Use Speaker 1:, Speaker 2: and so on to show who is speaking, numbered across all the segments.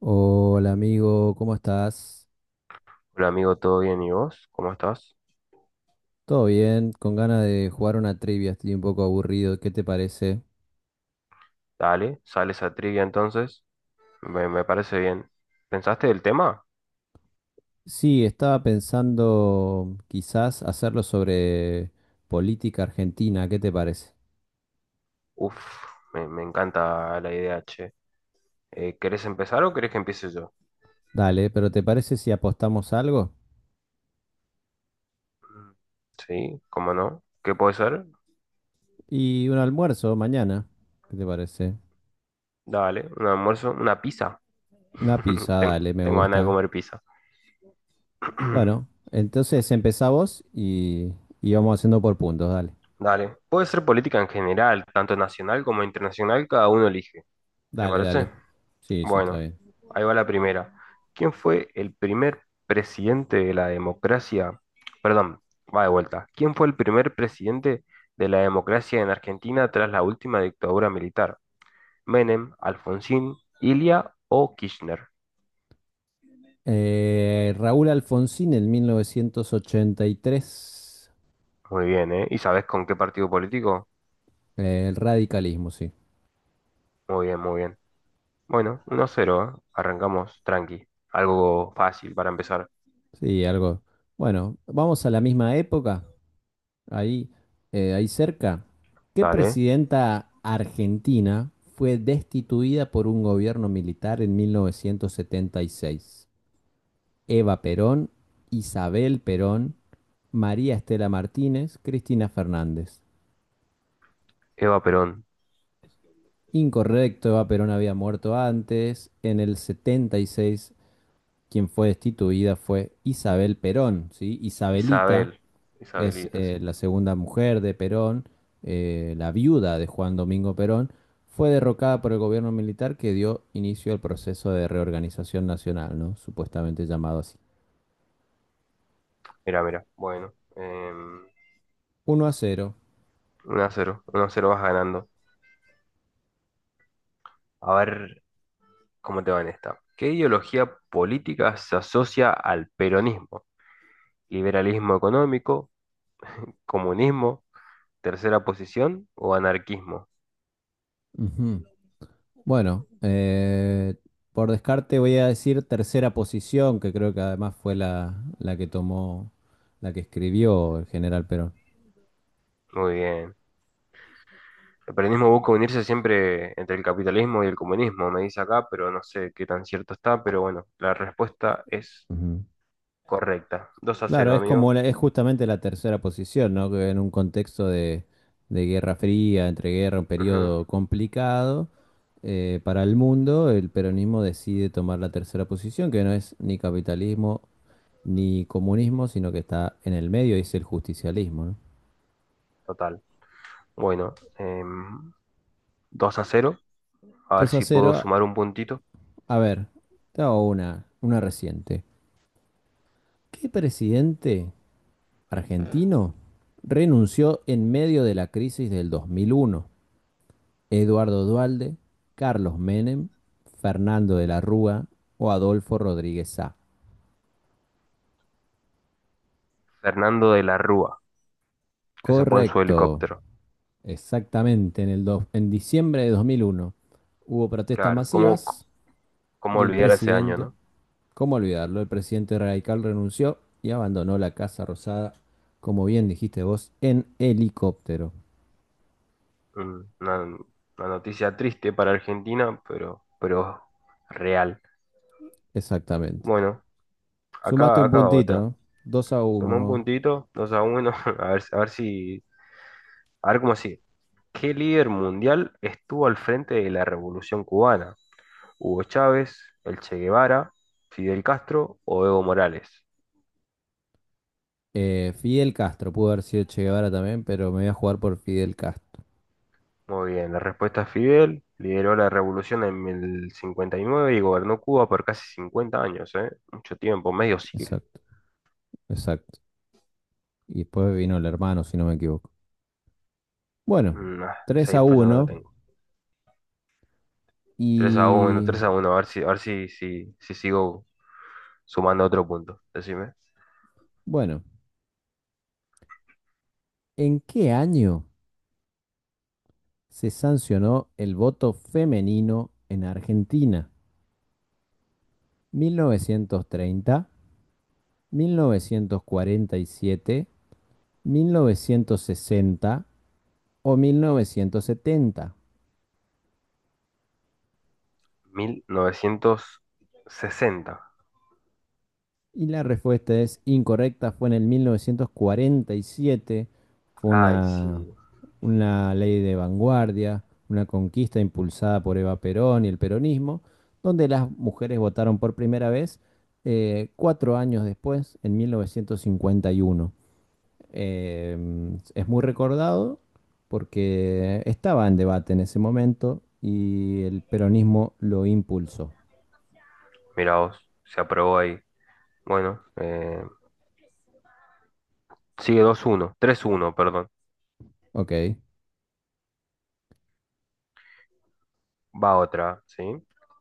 Speaker 1: Hola amigo, ¿cómo estás?
Speaker 2: Hola amigo, ¿todo bien? ¿Y vos? ¿Cómo estás?
Speaker 1: ¿Todo bien? Con ganas de jugar una trivia, estoy un poco aburrido, ¿qué te parece?
Speaker 2: Dale, sales a trivia entonces. Me parece bien. ¿Pensaste del tema?
Speaker 1: Sí, estaba pensando quizás hacerlo sobre política argentina, ¿qué te parece?
Speaker 2: Uf, me encanta la idea, che. ¿Querés empezar o querés que empiece yo?
Speaker 1: Dale, pero ¿te parece si apostamos algo?
Speaker 2: Mm. Sí, ¿cómo no? ¿Qué puede ser?
Speaker 1: Y un almuerzo mañana, ¿qué te parece?
Speaker 2: Dale, un almuerzo, una pizza.
Speaker 1: Una pizza,
Speaker 2: Ten-
Speaker 1: dale, me
Speaker 2: tengo ganas de
Speaker 1: gusta.
Speaker 2: comer pizza.
Speaker 1: Bueno, entonces empezá vos y vamos haciendo por puntos, dale.
Speaker 2: Dale, puede ser política en general, tanto nacional como internacional, cada uno elige. ¿Te
Speaker 1: Dale,
Speaker 2: parece?
Speaker 1: dale. Sí, sí, está
Speaker 2: Bueno,
Speaker 1: bien.
Speaker 2: ahí va la primera. ¿Quién fue el primer presidente de la democracia? Perdón, va de vuelta. ¿Quién fue el primer presidente de la democracia en Argentina tras la última dictadura militar? ¿Menem, Alfonsín, Ilia o Kirchner?
Speaker 1: Raúl Alfonsín en 1983,
Speaker 2: Muy bien, ¿eh? ¿Y sabes con qué partido político?
Speaker 1: el radicalismo, sí.
Speaker 2: Muy bien, muy bien. Bueno, 1 cero, ¿eh? Arrancamos tranqui. Algo fácil para empezar.
Speaker 1: Sí, algo. Bueno, vamos a la misma época, ahí, ahí cerca. ¿Qué
Speaker 2: Dale.
Speaker 1: presidenta argentina fue destituida por un gobierno militar en 1976? Eva Perón, Isabel Perón, María Estela Martínez, Cristina Fernández.
Speaker 2: Eva Perón,
Speaker 1: Incorrecto, Eva Perón había muerto antes, en el 76. Quien fue destituida fue Isabel Perón, ¿sí? Isabelita
Speaker 2: Isabel,
Speaker 1: es
Speaker 2: Isabelita, sí.
Speaker 1: la segunda mujer de Perón, la viuda de Juan Domingo Perón, fue derrocada por el gobierno militar que dio inicio al proceso de reorganización nacional, ¿no? Supuestamente llamado así.
Speaker 2: Mira, mira. Bueno,
Speaker 1: Uno a cero.
Speaker 2: uno a cero, uno a cero, vas ganando. A ver cómo te va en esta. ¿Qué ideología política se asocia al peronismo? ¿Liberalismo económico, comunismo, tercera posición o anarquismo?
Speaker 1: Ujú. Bueno, por descarte voy a decir tercera posición, que creo que además fue la que tomó, la que escribió el general Perón.
Speaker 2: Muy bien. El peronismo busca unirse siempre entre el capitalismo y el comunismo, me dice acá, pero no sé qué tan cierto está, pero bueno, la respuesta es
Speaker 1: Ujú.
Speaker 2: correcta. Dos a
Speaker 1: Claro,
Speaker 2: cero,
Speaker 1: es como
Speaker 2: amigo.
Speaker 1: la- es justamente la tercera posición, ¿no? Que en un contexto de Guerra Fría, entre guerra, un
Speaker 2: Ujú.
Speaker 1: periodo complicado para el mundo, el peronismo decide tomar la tercera posición, que no es ni capitalismo ni comunismo, sino que está en el medio y es el justicialismo, ¿no?
Speaker 2: Total. Bueno, 2 a cero. A ver
Speaker 1: 2 a
Speaker 2: si puedo
Speaker 1: cero.
Speaker 2: sumar un puntito.
Speaker 1: A ver, te hago una reciente. ¿Qué presidente argentino renunció en medio de la crisis del 2001? Eduardo Duhalde, Carlos Menem, Fernando de la Rúa o Adolfo Rodríguez Sá.
Speaker 2: Fernando de la Rúa. Eso fue en su
Speaker 1: Correcto,
Speaker 2: helicóptero,
Speaker 1: exactamente, en, en diciembre de 2001 hubo protestas
Speaker 2: claro. ¿Cómo,
Speaker 1: masivas
Speaker 2: cómo
Speaker 1: y el
Speaker 2: olvidar ese año,
Speaker 1: presidente,
Speaker 2: ¿no?
Speaker 1: ¿cómo olvidarlo? El presidente radical renunció y abandonó la Casa Rosada, como bien dijiste vos, en helicóptero.
Speaker 2: Una noticia triste para Argentina, pero real.
Speaker 1: Exactamente.
Speaker 2: Bueno,
Speaker 1: Sumaste
Speaker 2: acá,
Speaker 1: un
Speaker 2: acá va
Speaker 1: puntito,
Speaker 2: otra.
Speaker 1: ¿eh? Dos a
Speaker 2: Suma un
Speaker 1: 1.
Speaker 2: puntito, 2 a uno. A ver, a ver si, a ver cómo sigue. ¿Qué líder mundial estuvo al frente de la Revolución Cubana? ¿Hugo Chávez, el Che Guevara, Fidel Castro o Evo Morales?
Speaker 1: Fidel Castro, pudo haber sido Che Guevara también, pero me voy a jugar por Fidel Castro.
Speaker 2: Muy bien, la respuesta es Fidel. Lideró la revolución en el 59 y gobernó Cuba por casi 50 años, ¿eh? Mucho tiempo, medio siglo.
Speaker 1: Exacto, exacto. Y después vino el hermano, si no me equivoco. Bueno,
Speaker 2: Mm, ah, esa
Speaker 1: tres a
Speaker 2: info ya no la
Speaker 1: uno.
Speaker 2: tengo. Tres a uno,
Speaker 1: Y
Speaker 2: 3 a uno, a ver si, si, si sigo sumando otro punto. Decime.
Speaker 1: bueno, ¿en qué año se sancionó el voto femenino en Argentina? ¿Mil novecientos treinta, mil novecientos cuarenta y siete, mil novecientos sesenta o 1970?
Speaker 2: 1960.
Speaker 1: Y la respuesta es incorrecta, fue en el 1947, fue
Speaker 2: Ay, sí.
Speaker 1: una ley de vanguardia, una conquista impulsada por Eva Perón y el peronismo, donde las mujeres votaron por primera vez cuatro años después, en 1951. Eh, es muy recordado porque estaba en debate en ese momento y el peronismo lo impulsó.
Speaker 2: Mirá vos, se aprobó ahí. Bueno, sigue dos uno, tres uno, perdón.
Speaker 1: Ok.
Speaker 2: Va otra, ¿sí?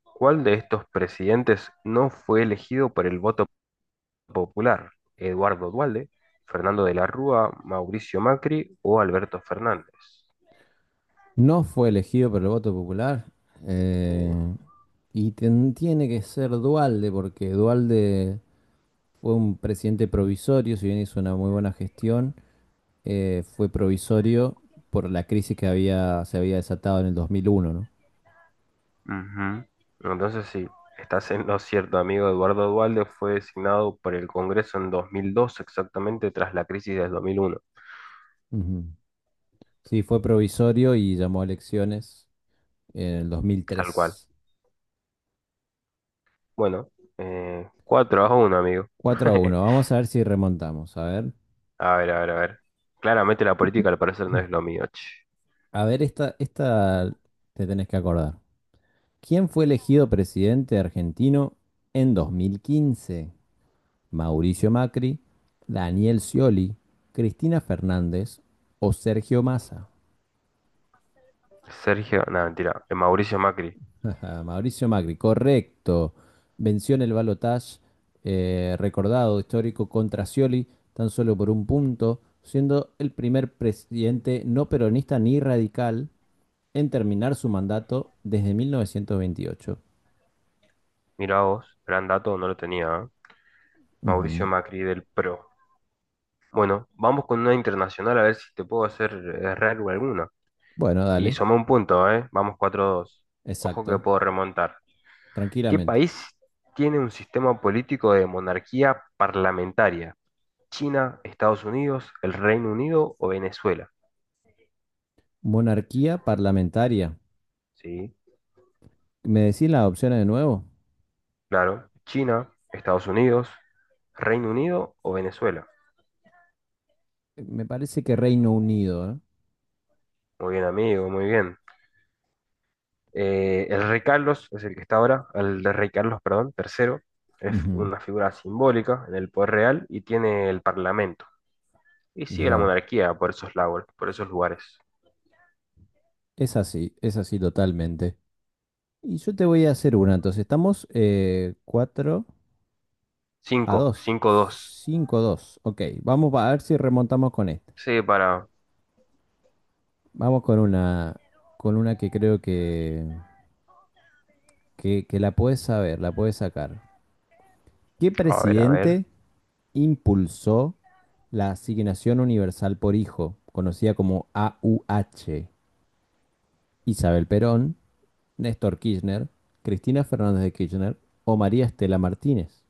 Speaker 2: ¿Cuál de estos presidentes no fue elegido por el voto popular? ¿Eduardo Dualde, Fernando de la Rúa, Mauricio Macri o Alberto Fernández?
Speaker 1: No fue elegido por el voto popular
Speaker 2: ¿Sí?
Speaker 1: eh, y ten- tiene que ser Dualde porque Dualde fue un presidente provisorio, si bien hizo una muy buena gestión, fue provisorio por la crisis que había, se había desatado en el 2001, ¿no?
Speaker 2: Ujú. Entonces, sí, estás en lo cierto, amigo. Eduardo Dualde fue designado por el Congreso en 2002, exactamente tras la crisis del 2001,
Speaker 1: Ujú. Sí, fue provisorio y llamó a elecciones en el
Speaker 2: tal cual.
Speaker 1: 2003.
Speaker 2: Bueno, 4 a 1, amigo.
Speaker 1: Cuatro a uno. Vamos a ver si remontamos, a ver.
Speaker 2: A ver, a ver, a ver. Claramente la política al parecer no es lo mío, che.
Speaker 1: A ver, esta te tenés que acordar. ¿Quién fue elegido presidente argentino en 2015? Mauricio Macri, Daniel Scioli, Cristina Fernández o Sergio Massa.
Speaker 2: Sergio, nada, mentira. Mauricio Macri.
Speaker 1: Mauricio Macri, correcto. Venció en el balotaje recordado histórico contra Scioli tan solo por un punto, siendo el primer presidente no peronista ni radical en terminar su mandato desde 1928.
Speaker 2: Mira vos, gran dato, no lo tenía, ¿eh? Mauricio
Speaker 1: Ujú.
Speaker 2: Macri del PRO. Bueno, vamos con una internacional a ver si te puedo hacer errar alguna.
Speaker 1: Bueno,
Speaker 2: Y
Speaker 1: dale,
Speaker 2: soma un punto, ¿eh? Vamos 4-2. Ojo que
Speaker 1: exacto,
Speaker 2: puedo remontar. ¿Qué
Speaker 1: tranquilamente.
Speaker 2: país tiene un sistema político de monarquía parlamentaria? ¿China, Estados Unidos, el Reino Unido o Venezuela?
Speaker 1: Monarquía parlamentaria.
Speaker 2: Sí,
Speaker 1: ¿Me decís las opciones de nuevo?
Speaker 2: claro. China, Estados Unidos, Reino Unido o Venezuela.
Speaker 1: Me parece que Reino Unido, ¿eh?
Speaker 2: Muy bien, amigo, muy bien. El rey Carlos es el que está ahora, el de rey Carlos, perdón, tercero, es
Speaker 1: Ujú.
Speaker 2: una figura simbólica en el poder real y tiene el parlamento. Y sigue la
Speaker 1: Mirá vos.
Speaker 2: monarquía por esos lagos, por esos lugares.
Speaker 1: Es así totalmente. Y yo te voy a hacer una, entonces estamos 4 a
Speaker 2: Cinco,
Speaker 1: 2,
Speaker 2: cinco dos.
Speaker 1: 5 a 2. Ok, vamos a ver si remontamos con esta.
Speaker 2: Sí, para.
Speaker 1: Vamos con una que creo que la puedes saber, la puedes sacar. ¿Qué
Speaker 2: A ver, a ver.
Speaker 1: presidente impulsó la Asignación Universal por Hijo, conocida como AUH, Isabel Perón, Néstor Kirchner, Cristina Fernández de Kirchner o María Estela Martínez?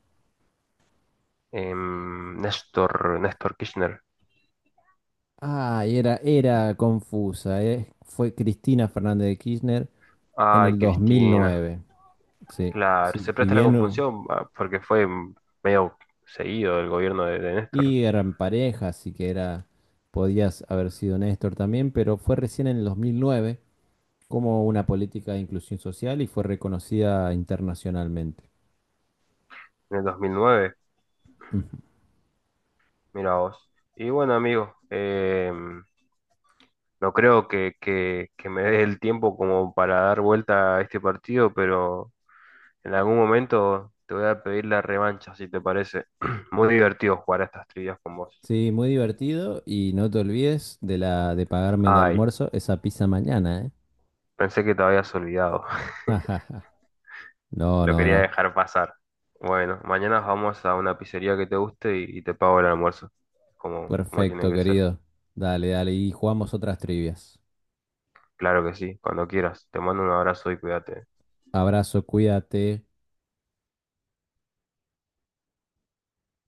Speaker 2: Néstor Kirchner.
Speaker 1: Ah, era confusa. Fue Cristina Fernández de Kirchner en
Speaker 2: Ay,
Speaker 1: el
Speaker 2: Cristina.
Speaker 1: 2009. Sí,
Speaker 2: Claro,
Speaker 1: sí,
Speaker 2: se
Speaker 1: si
Speaker 2: presta la
Speaker 1: bien...
Speaker 2: confusión, ah, porque fue medio seguido el gobierno de Néstor,
Speaker 1: y eran pareja, así que era... Podías haber sido Néstor también, pero fue recién en el 2009 como una política de inclusión social y fue reconocida internacionalmente.
Speaker 2: en el 2009.
Speaker 1: Ujú.
Speaker 2: Mira vos. Y bueno, amigo, no creo que me dé el tiempo como para dar vuelta a este partido, pero en algún momento te voy a pedir la revancha, si te parece. Muy divertido jugar a estas trivias con vos.
Speaker 1: Sí, muy divertido y no te olvides de la de pagarme el
Speaker 2: Ay,
Speaker 1: almuerzo, esa pizza mañana, ¿eh?
Speaker 2: pensé que te habías olvidado.
Speaker 1: No,
Speaker 2: Lo
Speaker 1: no,
Speaker 2: quería
Speaker 1: no.
Speaker 2: dejar pasar. Bueno, mañana vamos a una pizzería que te guste y te pago el almuerzo, como, como tiene
Speaker 1: Perfecto,
Speaker 2: que ser.
Speaker 1: querido. Dale, dale y jugamos otras trivias.
Speaker 2: Claro que sí, cuando quieras. Te mando un abrazo y cuídate.
Speaker 1: Abrazo, cuídate.